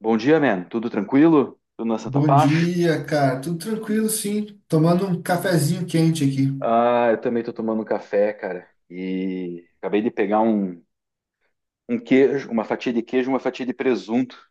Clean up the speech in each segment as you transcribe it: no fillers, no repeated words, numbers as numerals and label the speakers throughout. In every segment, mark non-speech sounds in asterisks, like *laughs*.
Speaker 1: Bom dia, man. Tudo tranquilo? Tudo na Santa
Speaker 2: Bom
Speaker 1: Paz?
Speaker 2: dia, cara. Tudo tranquilo, sim. Tomando um cafezinho quente aqui.
Speaker 1: Ah, eu também tô tomando um café, cara. E acabei de pegar um queijo, uma fatia de queijo, uma fatia de presunto.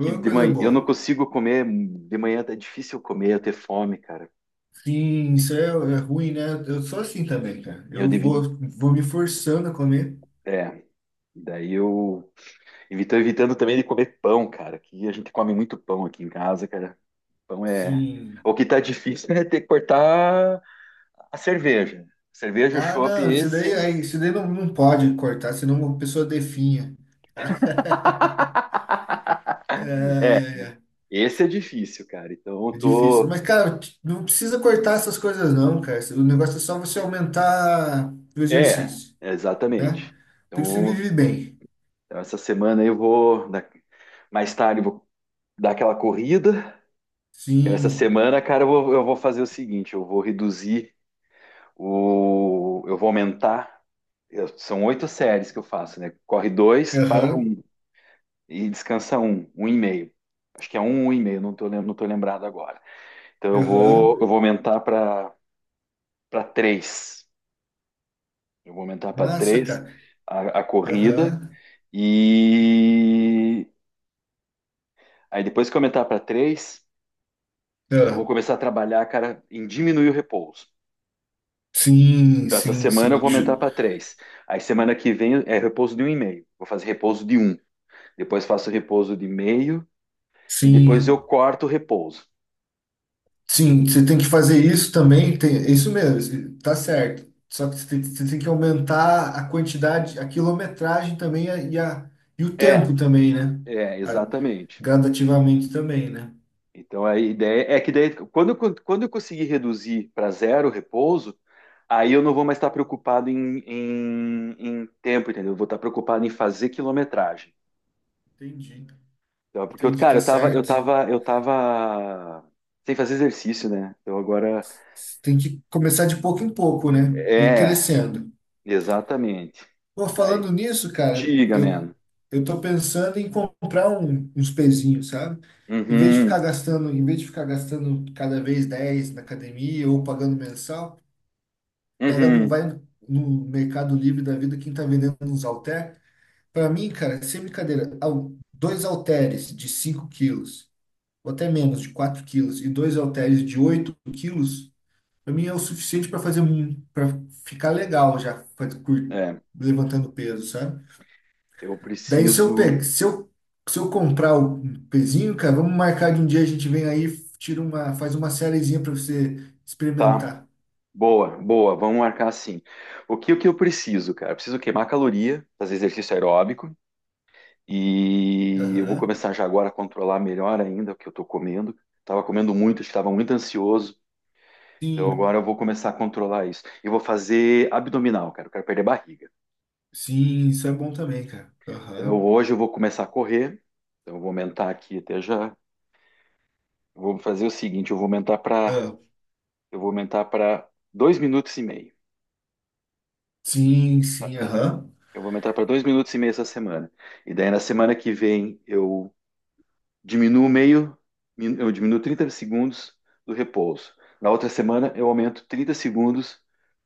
Speaker 1: Que de
Speaker 2: coisa
Speaker 1: manhã eu
Speaker 2: boa.
Speaker 1: não consigo comer. De manhã é difícil comer, eu ter fome, cara.
Speaker 2: Sim, isso é ruim, né? Eu sou assim também, cara.
Speaker 1: Eu
Speaker 2: Eu
Speaker 1: devi.
Speaker 2: vou, vou me forçando a comer.
Speaker 1: É. Daí eu estou evitando também de comer pão, cara. Que a gente come muito pão aqui em casa, cara. Pão é.
Speaker 2: Sim.
Speaker 1: O que tá difícil é ter que cortar a cerveja. Cerveja,
Speaker 2: Ah,
Speaker 1: chopp,
Speaker 2: não, isso daí,
Speaker 1: esse.
Speaker 2: aí, isso daí não pode cortar, senão uma pessoa definha. *laughs*
Speaker 1: *laughs*
Speaker 2: É,
Speaker 1: Esse é difícil, cara. Então eu
Speaker 2: é difícil.
Speaker 1: tô.
Speaker 2: Mas, cara, não precisa cortar essas coisas, não, cara. O negócio é só você aumentar o
Speaker 1: É,
Speaker 2: exercício, né?
Speaker 1: exatamente.
Speaker 2: Então você
Speaker 1: Então,
Speaker 2: vive bem.
Speaker 1: então essa semana mais tarde eu vou dar aquela corrida. Essa
Speaker 2: Sim.
Speaker 1: semana, cara, eu vou fazer o seguinte: eu vou reduzir o. eu vou aumentar. São oito séries que eu faço, né? Corre dois para
Speaker 2: Aham.
Speaker 1: um e descansa um, um e meio. Acho que é um, um e meio, não tô, não tô lembrado agora. Então eu vou,
Speaker 2: Aham.
Speaker 1: eu vou aumentar para três. Eu vou aumentar para
Speaker 2: Massa,
Speaker 1: três
Speaker 2: cara.
Speaker 1: a corrida
Speaker 2: Aham.
Speaker 1: e aí depois que eu aumentar para três, eu
Speaker 2: Ah,
Speaker 1: vou começar a trabalhar, cara, em diminuir o repouso.
Speaker 2: sim,
Speaker 1: Então essa
Speaker 2: sim,
Speaker 1: semana eu
Speaker 2: sim.
Speaker 1: vou aumentar para três. Aí semana que vem é repouso de um e meio. Vou fazer repouso de um. Depois faço repouso de meio e depois eu
Speaker 2: Sim,
Speaker 1: corto o repouso.
Speaker 2: sim. Você tem que fazer isso também. Tem, é isso mesmo. Tá certo. Só que você tem que aumentar a quantidade, a quilometragem também e o
Speaker 1: É,
Speaker 2: tempo também, né? A-
Speaker 1: exatamente.
Speaker 2: gradativamente também, né?
Speaker 1: Então a ideia é que daí, quando eu conseguir reduzir para zero o repouso, aí eu não vou mais estar preocupado em tempo, entendeu? Eu vou estar preocupado em fazer quilometragem.
Speaker 2: Entendi.
Speaker 1: Então, é porque, eu,
Speaker 2: Entendi,
Speaker 1: cara,
Speaker 2: tá
Speaker 1: eu tava, eu
Speaker 2: certo.
Speaker 1: tava, eu tava sem fazer exercício, né? Então agora
Speaker 2: Tem que começar de pouco em pouco, né? E
Speaker 1: é,
Speaker 2: crescendo.
Speaker 1: exatamente.
Speaker 2: Pô,
Speaker 1: Aí,
Speaker 2: falando nisso, cara,
Speaker 1: diga,
Speaker 2: eu,
Speaker 1: mano.
Speaker 2: eu tô pensando em comprar uns pezinhos, sabe? Em vez de
Speaker 1: Uhum,
Speaker 2: ficar gastando, cada vez 10 na academia ou pagando mensal, pega não
Speaker 1: uhum.
Speaker 2: vai no Mercado Livre da vida quem tá vendendo uns halter. Pra mim, cara, é sem brincadeira, dois halteres de 5 kg, ou até menos, de 4 kg, e dois halteres de 8 kg, pra mim é o suficiente pra fazer, para ficar legal já,
Speaker 1: É,
Speaker 2: levantando peso, sabe?
Speaker 1: eu
Speaker 2: Daí se eu
Speaker 1: preciso,
Speaker 2: pegar, se eu, se eu comprar o pezinho, cara, vamos marcar de um dia a gente vem aí, tira uma, faz uma sériezinha para você
Speaker 1: tá?
Speaker 2: experimentar.
Speaker 1: Boa, boa, vamos marcar assim. O que eu preciso, cara? Eu preciso queimar caloria, fazer exercício aeróbico e eu vou
Speaker 2: Aham.
Speaker 1: começar já agora a controlar melhor ainda o que eu tô comendo. Tava comendo muito, estava muito ansioso, então
Speaker 2: Sim,
Speaker 1: agora eu vou começar a controlar isso. Eu vou fazer abdominal, cara, eu quero perder barriga.
Speaker 2: sim, isso é bom também, cara.
Speaker 1: Então
Speaker 2: Aham.
Speaker 1: hoje eu vou começar a correr, então eu vou aumentar aqui até já. Eu vou fazer o seguinte,
Speaker 2: Ah,
Speaker 1: eu vou aumentar para dois minutos e meio.
Speaker 2: sim, sim, aham.
Speaker 1: Eu vou aumentar para dois minutos e meio essa semana. E daí na semana que vem eu diminuo meio, eu diminuo 30 segundos do repouso. Na outra semana, eu aumento 30 segundos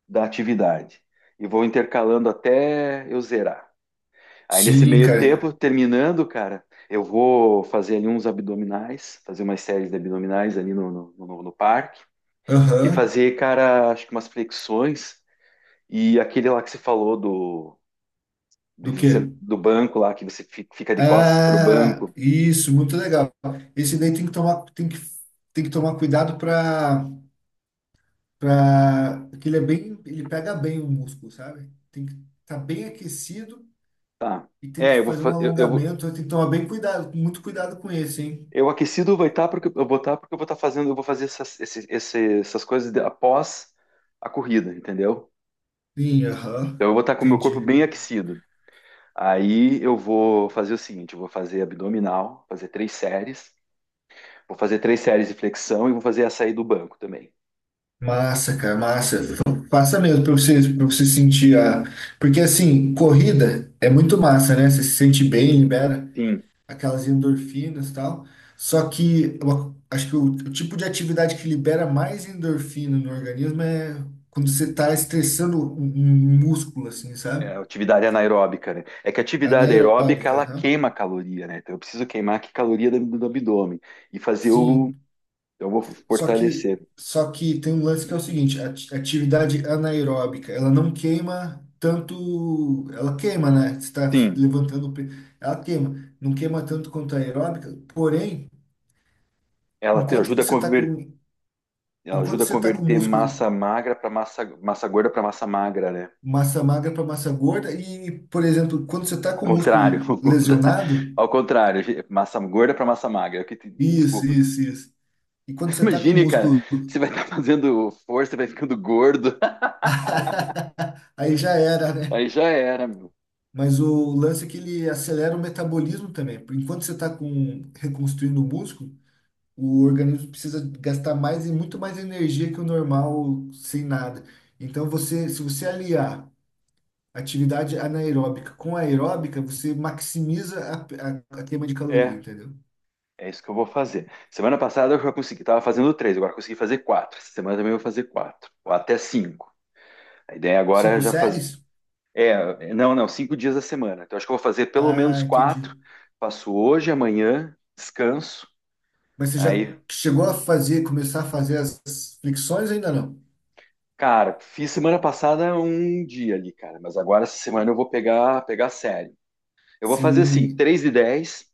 Speaker 1: da atividade. E vou intercalando até eu zerar. Aí, nesse
Speaker 2: Sim,
Speaker 1: meio
Speaker 2: cara.
Speaker 1: tempo, terminando, cara, eu vou fazer ali uns abdominais, fazer umas séries de abdominais ali no parque. E
Speaker 2: Aham.
Speaker 1: fazer, cara, acho que umas flexões. E aquele lá que você falou do, de-
Speaker 2: Do quê?
Speaker 1: do banco lá, que você fica de costas pro
Speaker 2: Ah,
Speaker 1: banco.
Speaker 2: isso, muito legal. Esse daí tem que tomar cuidado para que ele é bem, ele pega bem o músculo, sabe? Tem que estar bem aquecido.
Speaker 1: Tá.
Speaker 2: E tem que
Speaker 1: É, eu vou,
Speaker 2: fazer um
Speaker 1: fa- eu vou,
Speaker 2: alongamento, tem que tomar bem cuidado, muito cuidado com esse, hein?
Speaker 1: Eu aquecido vai estar porque eu vou estar porque eu vou estar fazendo, eu vou fazer essas, essas coisas após a corrida, entendeu?
Speaker 2: Sim,
Speaker 1: Então
Speaker 2: aham.
Speaker 1: eu vou estar com o meu corpo
Speaker 2: Entendi.
Speaker 1: bem aquecido. Aí eu vou fazer o seguinte, eu vou fazer abdominal, fazer três séries, vou fazer três séries de flexão e vou fazer a saída do banco também.
Speaker 2: Massa, cara, massa. Então, passa mesmo pra você sentir a. Porque assim, corrida é muito massa, né? Você se sente bem, libera
Speaker 1: Sim,
Speaker 2: aquelas endorfinas e tal. Só que eu acho que o tipo de atividade que libera mais endorfina no organismo é quando você tá estressando um músculo, assim, sabe?
Speaker 1: é atividade anaeróbica, né? É que a atividade aeróbica
Speaker 2: Anaeróbica,
Speaker 1: ela
Speaker 2: aham.
Speaker 1: queima caloria, né? Então eu preciso queimar que caloria do abdômen e fazer
Speaker 2: Sim.
Speaker 1: então, eu vou
Speaker 2: Só que,
Speaker 1: fortalecer.
Speaker 2: só que tem um lance que é o seguinte, a atividade anaeróbica, ela não queima tanto, ela queima, né? Você está
Speaker 1: Sim,
Speaker 2: levantando, ela queima, não queima tanto quanto a aeróbica, porém,
Speaker 1: ela te
Speaker 2: enquanto
Speaker 1: ajuda a
Speaker 2: você está com,
Speaker 1: converter. Ela
Speaker 2: enquanto
Speaker 1: ajuda a
Speaker 2: você tá com
Speaker 1: converter massa
Speaker 2: músculo
Speaker 1: magra para massa gorda para massa magra, né?
Speaker 2: massa magra para massa gorda e, por exemplo, quando você está
Speaker 1: Ao
Speaker 2: com o
Speaker 1: contrário, *laughs*
Speaker 2: músculo
Speaker 1: ao
Speaker 2: lesionado,
Speaker 1: ao contrário, massa gorda para massa magra.
Speaker 2: isso,
Speaker 1: Desculpa.
Speaker 2: isso, isso. E quando
Speaker 1: *laughs*
Speaker 2: você está com o
Speaker 1: Imagine, cara,
Speaker 2: músculo,
Speaker 1: você vai estar fazendo força, vai ficando gordo,
Speaker 2: *laughs* aí já era,
Speaker 1: *laughs*
Speaker 2: né?
Speaker 1: aí já era, meu.
Speaker 2: Mas o lance é que ele acelera o metabolismo também. Enquanto você está com reconstruindo o músculo, o organismo precisa gastar mais e muito mais energia que o normal sem nada. Então você, se você aliar atividade anaeróbica com aeróbica, você maximiza a queima de caloria,
Speaker 1: É,
Speaker 2: entendeu?
Speaker 1: é isso que eu vou fazer. Semana passada eu já consegui, tava fazendo três, agora consegui fazer quatro. Essa semana também eu vou fazer quatro, ou até cinco. A ideia agora é
Speaker 2: Cinco
Speaker 1: já fazer.
Speaker 2: séries?
Speaker 1: É, não, não, cinco dias da semana. Então acho que eu vou fazer pelo
Speaker 2: Ah,
Speaker 1: menos quatro.
Speaker 2: entendi.
Speaker 1: Faço hoje, amanhã, descanso.
Speaker 2: Mas você já
Speaker 1: Aí,
Speaker 2: chegou a fazer, começar a fazer as flexões ainda não?
Speaker 1: cara, fiz semana passada um dia ali, cara, mas agora essa semana eu vou pegar sério. Eu vou fazer assim,
Speaker 2: Sim,
Speaker 1: 3 de 10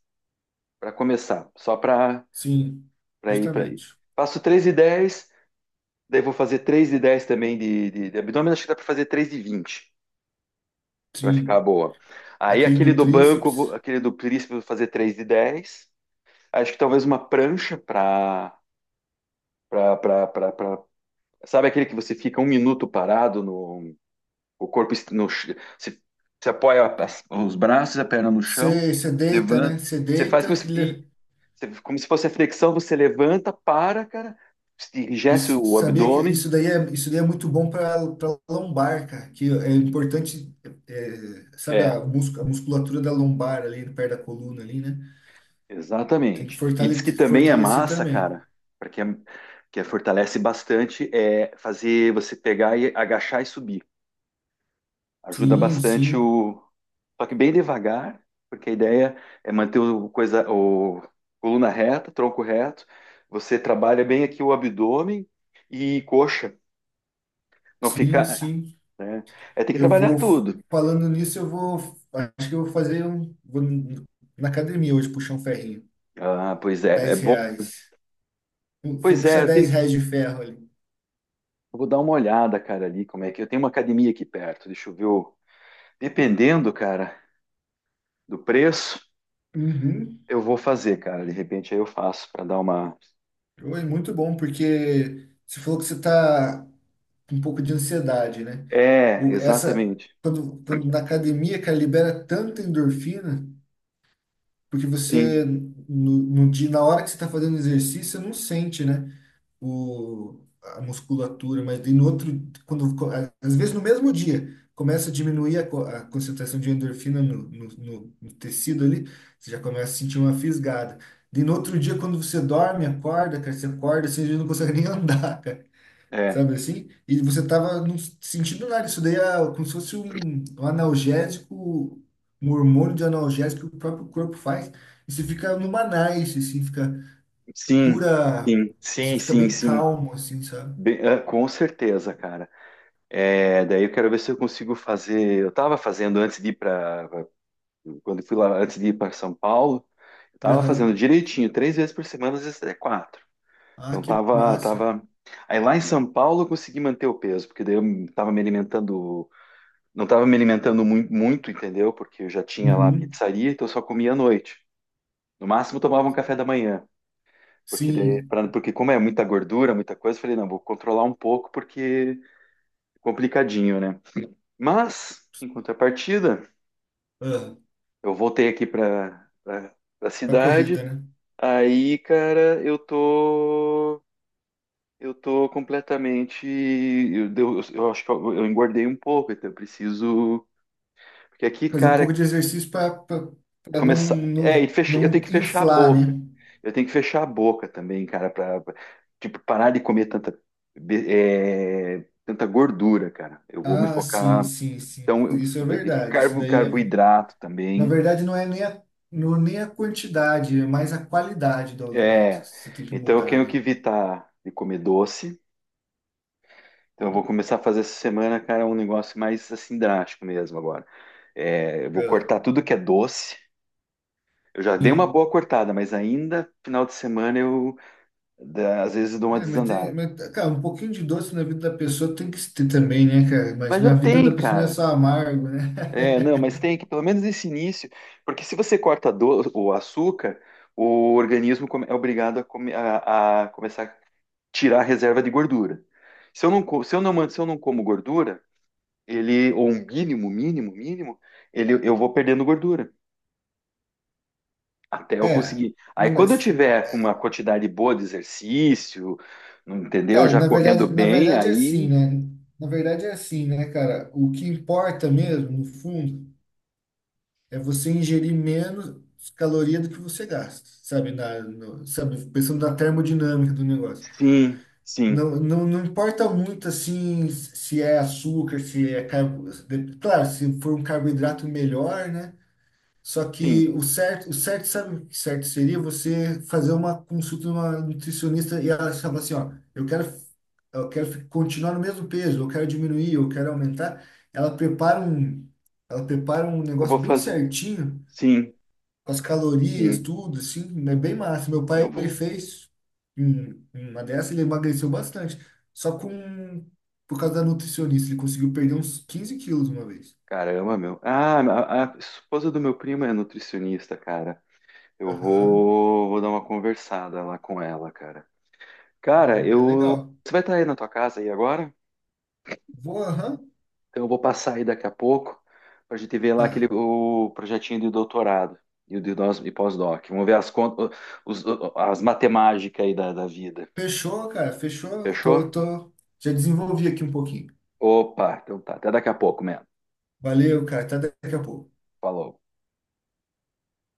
Speaker 1: para começar, só para
Speaker 2: sim,
Speaker 1: ir.
Speaker 2: justamente.
Speaker 1: Faço 3 de 10, daí vou fazer 3 de 10 também de abdômen, acho que dá para fazer 3 de 20 para ficar
Speaker 2: Sim,
Speaker 1: boa. Aí
Speaker 2: aquele
Speaker 1: aquele
Speaker 2: do
Speaker 1: do banco,
Speaker 2: tríceps.
Speaker 1: aquele do príncipe, eu vou fazer 3 de 10. Acho que talvez uma prancha para sabe aquele que você fica um minuto parado. O corpo est- no, ch- você, você apoia os braços, a perna no chão,
Speaker 2: Você deita, né?
Speaker 1: levanta.
Speaker 2: Você
Speaker 1: Você faz
Speaker 2: deita.
Speaker 1: como se fosse a flexão, você levanta, para, cara, enrijece
Speaker 2: Isso,
Speaker 1: o
Speaker 2: sabia que
Speaker 1: abdômen.
Speaker 2: isso daí é muito bom para lombar, cara. Que é importante, é, sabe
Speaker 1: É,
Speaker 2: a musculatura da lombar ali, perto da coluna ali, né? Tem que
Speaker 1: exatamente. E diz que
Speaker 2: fortalecer,
Speaker 1: também é
Speaker 2: fortalecer
Speaker 1: massa,
Speaker 2: também.
Speaker 1: cara, porque fortalece bastante, é fazer você pegar e agachar e subir. Ajuda
Speaker 2: Sim,
Speaker 1: bastante
Speaker 2: sim,
Speaker 1: o. Só que bem devagar, porque a ideia é manter o coluna reta, tronco reto. Você trabalha bem aqui o abdômen e coxa. Não
Speaker 2: sim,
Speaker 1: fica,
Speaker 2: sim.
Speaker 1: né? É, tem que
Speaker 2: Eu
Speaker 1: trabalhar
Speaker 2: vou,
Speaker 1: tudo.
Speaker 2: falando nisso, acho que eu vou na academia hoje puxar um ferrinho.
Speaker 1: Ah, pois é, é
Speaker 2: Dez
Speaker 1: bom.
Speaker 2: reais. Vou
Speaker 1: Pois é,
Speaker 2: puxar 10 reais de ferro ali.
Speaker 1: eu vou dar uma olhada, cara, ali como é que eu tenho uma academia aqui perto. Deixa eu ver. Dependendo, cara, do preço,
Speaker 2: Uhum.
Speaker 1: eu vou fazer, cara. De repente aí eu faço para dar uma.
Speaker 2: Oi, muito bom, porque você falou que você está com um pouco de ansiedade, né?
Speaker 1: É,
Speaker 2: O, essa,
Speaker 1: exatamente.
Speaker 2: quando na academia, cara, libera tanta endorfina, porque você,
Speaker 1: Sim,
Speaker 2: no dia, na hora que você está fazendo exercício, você não sente, né? A musculatura, mas daí no outro, quando, às vezes no mesmo dia, começa a diminuir a concentração de endorfina no tecido ali, você já começa a sentir uma fisgada. Daí no outro dia, quando você dorme, acorda, cara, você acorda, assim, você não consegue nem *laughs* andar, cara.
Speaker 1: é,
Speaker 2: Sabe assim? E você tava não sentindo nada. Isso daí é como se fosse um analgésico, um hormônio de analgésico que o próprio corpo faz. E você fica numa nice, assim, fica
Speaker 1: sim,
Speaker 2: cura,
Speaker 1: sim,
Speaker 2: você
Speaker 1: sim,
Speaker 2: fica
Speaker 1: sim,
Speaker 2: bem
Speaker 1: sim.
Speaker 2: calmo, assim, sabe?
Speaker 1: Bem, é, com certeza, cara. É, daí eu quero ver se eu consigo fazer. Eu estava fazendo antes de ir para Quando eu fui lá antes de ir para São Paulo, eu estava fazendo
Speaker 2: Aham.
Speaker 1: direitinho, três vezes por semana, às vezes até quatro.
Speaker 2: Ah,
Speaker 1: Então
Speaker 2: que
Speaker 1: tava,
Speaker 2: massa.
Speaker 1: tava. Aí lá em São Paulo eu consegui manter o peso, porque daí eu tava me alimentando, não tava me alimentando muito, entendeu? Porque eu já tinha lá a
Speaker 2: Uhum.
Speaker 1: pizzaria, então eu só comia à noite. No máximo eu tomava um café da manhã, porque
Speaker 2: Sim,
Speaker 1: porque como é muita gordura, muita coisa, eu falei, não, vou controlar um pouco porque é complicadinho, né? Mas, em contrapartida,
Speaker 2: ah,
Speaker 1: eu voltei aqui para a
Speaker 2: pra
Speaker 1: cidade.
Speaker 2: corrida, né?
Speaker 1: Aí, cara, eu tô. Eu tô completamente. Eu acho que eu engordei um pouco, então eu preciso. Porque aqui,
Speaker 2: Fazer um
Speaker 1: cara,
Speaker 2: pouco de exercício para não,
Speaker 1: começar. É,
Speaker 2: não,
Speaker 1: eu
Speaker 2: não
Speaker 1: tenho que fechar a
Speaker 2: inflar,
Speaker 1: boca.
Speaker 2: né?
Speaker 1: Eu tenho que fechar a boca também, cara, tipo, parar de comer tanta, be- tanta gordura, cara. Eu vou me
Speaker 2: Ah, sim,
Speaker 1: focar.
Speaker 2: sim, sim.
Speaker 1: Então, eu-
Speaker 2: Isso é verdade. Isso
Speaker 1: Carbo,
Speaker 2: daí é,
Speaker 1: carboidrato
Speaker 2: na
Speaker 1: também.
Speaker 2: verdade, não é nem a quantidade, é mais a qualidade do alimento.
Speaker 1: É,
Speaker 2: Você tem que
Speaker 1: então eu
Speaker 2: mudar,
Speaker 1: tenho
Speaker 2: né?
Speaker 1: que evitar de comer doce. Então eu vou começar a fazer essa semana, cara, um negócio mais assim drástico mesmo agora. É, eu vou
Speaker 2: Ah,
Speaker 1: cortar tudo que é doce. Eu já dei uma
Speaker 2: sim.
Speaker 1: boa cortada, mas ainda final de semana eu às vezes dou uma
Speaker 2: É, mas tem,
Speaker 1: desandada.
Speaker 2: mas, cara, um pouquinho de doce na vida da pessoa tem que ter também, né, cara? Mas
Speaker 1: Mas já
Speaker 2: na vida da
Speaker 1: tem,
Speaker 2: pessoa não é
Speaker 1: cara.
Speaker 2: só amargo, né? *laughs*
Speaker 1: É, não, mas tem que pelo menos esse início, porque se você corta o açúcar, o organismo é obrigado a a começar a tirar a reserva de gordura. Se eu não, se eu não, se eu não como gordura ele, ou um mínimo, mínimo, mínimo, ele, eu vou perdendo gordura até eu
Speaker 2: É,
Speaker 1: conseguir. Aí
Speaker 2: não,
Speaker 1: quando eu
Speaker 2: mas,
Speaker 1: tiver com uma quantidade boa de exercício, não entendeu?
Speaker 2: cara,
Speaker 1: Já
Speaker 2: na
Speaker 1: correndo
Speaker 2: verdade, na
Speaker 1: bem,
Speaker 2: verdade é assim,
Speaker 1: aí
Speaker 2: né? Na verdade é assim, né, cara? O que importa mesmo, no fundo, é você ingerir menos caloria do que você gasta, sabe? Na, no- Sabe? Pensando na termodinâmica do negócio.
Speaker 1: sim, sim,
Speaker 2: Não, não, não importa muito, assim, se é açúcar, se é claro, se for um carboidrato melhor, né? Só que
Speaker 1: sim,
Speaker 2: o certo, sabe o que certo seria você fazer uma consulta numa nutricionista e ela falar assim, ó, eu quero continuar no mesmo peso, eu quero diminuir, eu quero aumentar. Ela prepara um, ela prepara um
Speaker 1: eu vou
Speaker 2: negócio bem
Speaker 1: fazer,
Speaker 2: certinho,
Speaker 1: sim,
Speaker 2: com as calorias,
Speaker 1: sim,
Speaker 2: tudo, assim, é bem massa. Meu
Speaker 1: eu
Speaker 2: pai, ele
Speaker 1: vou.
Speaker 2: fez uma dessa, ele emagreceu bastante, só com, por causa da nutricionista, ele conseguiu perder uns 15 kg uma vez.
Speaker 1: Caramba, meu. Ah, a esposa do meu primo é nutricionista, cara. Eu
Speaker 2: Aham,
Speaker 1: vou, vou dar uma conversada lá com ela, cara. Cara,
Speaker 2: é
Speaker 1: eu.
Speaker 2: legal.
Speaker 1: Você vai estar aí na tua casa aí agora?
Speaker 2: Vou, aham,
Speaker 1: Então eu vou passar aí daqui a pouco para a gente ver lá
Speaker 2: tá.
Speaker 1: aquele o projetinho de doutorado e o de nós e pós-doc. Vamos ver as contas, os- as matemáticas aí da vida.
Speaker 2: Fechou, cara, fechou. Tô,
Speaker 1: Fechou?
Speaker 2: tô. Já desenvolvi aqui um pouquinho.
Speaker 1: Opa, então tá. Até daqui a pouco, mesmo.
Speaker 2: Valeu, cara. Até daqui a pouco.
Speaker 1: Falou.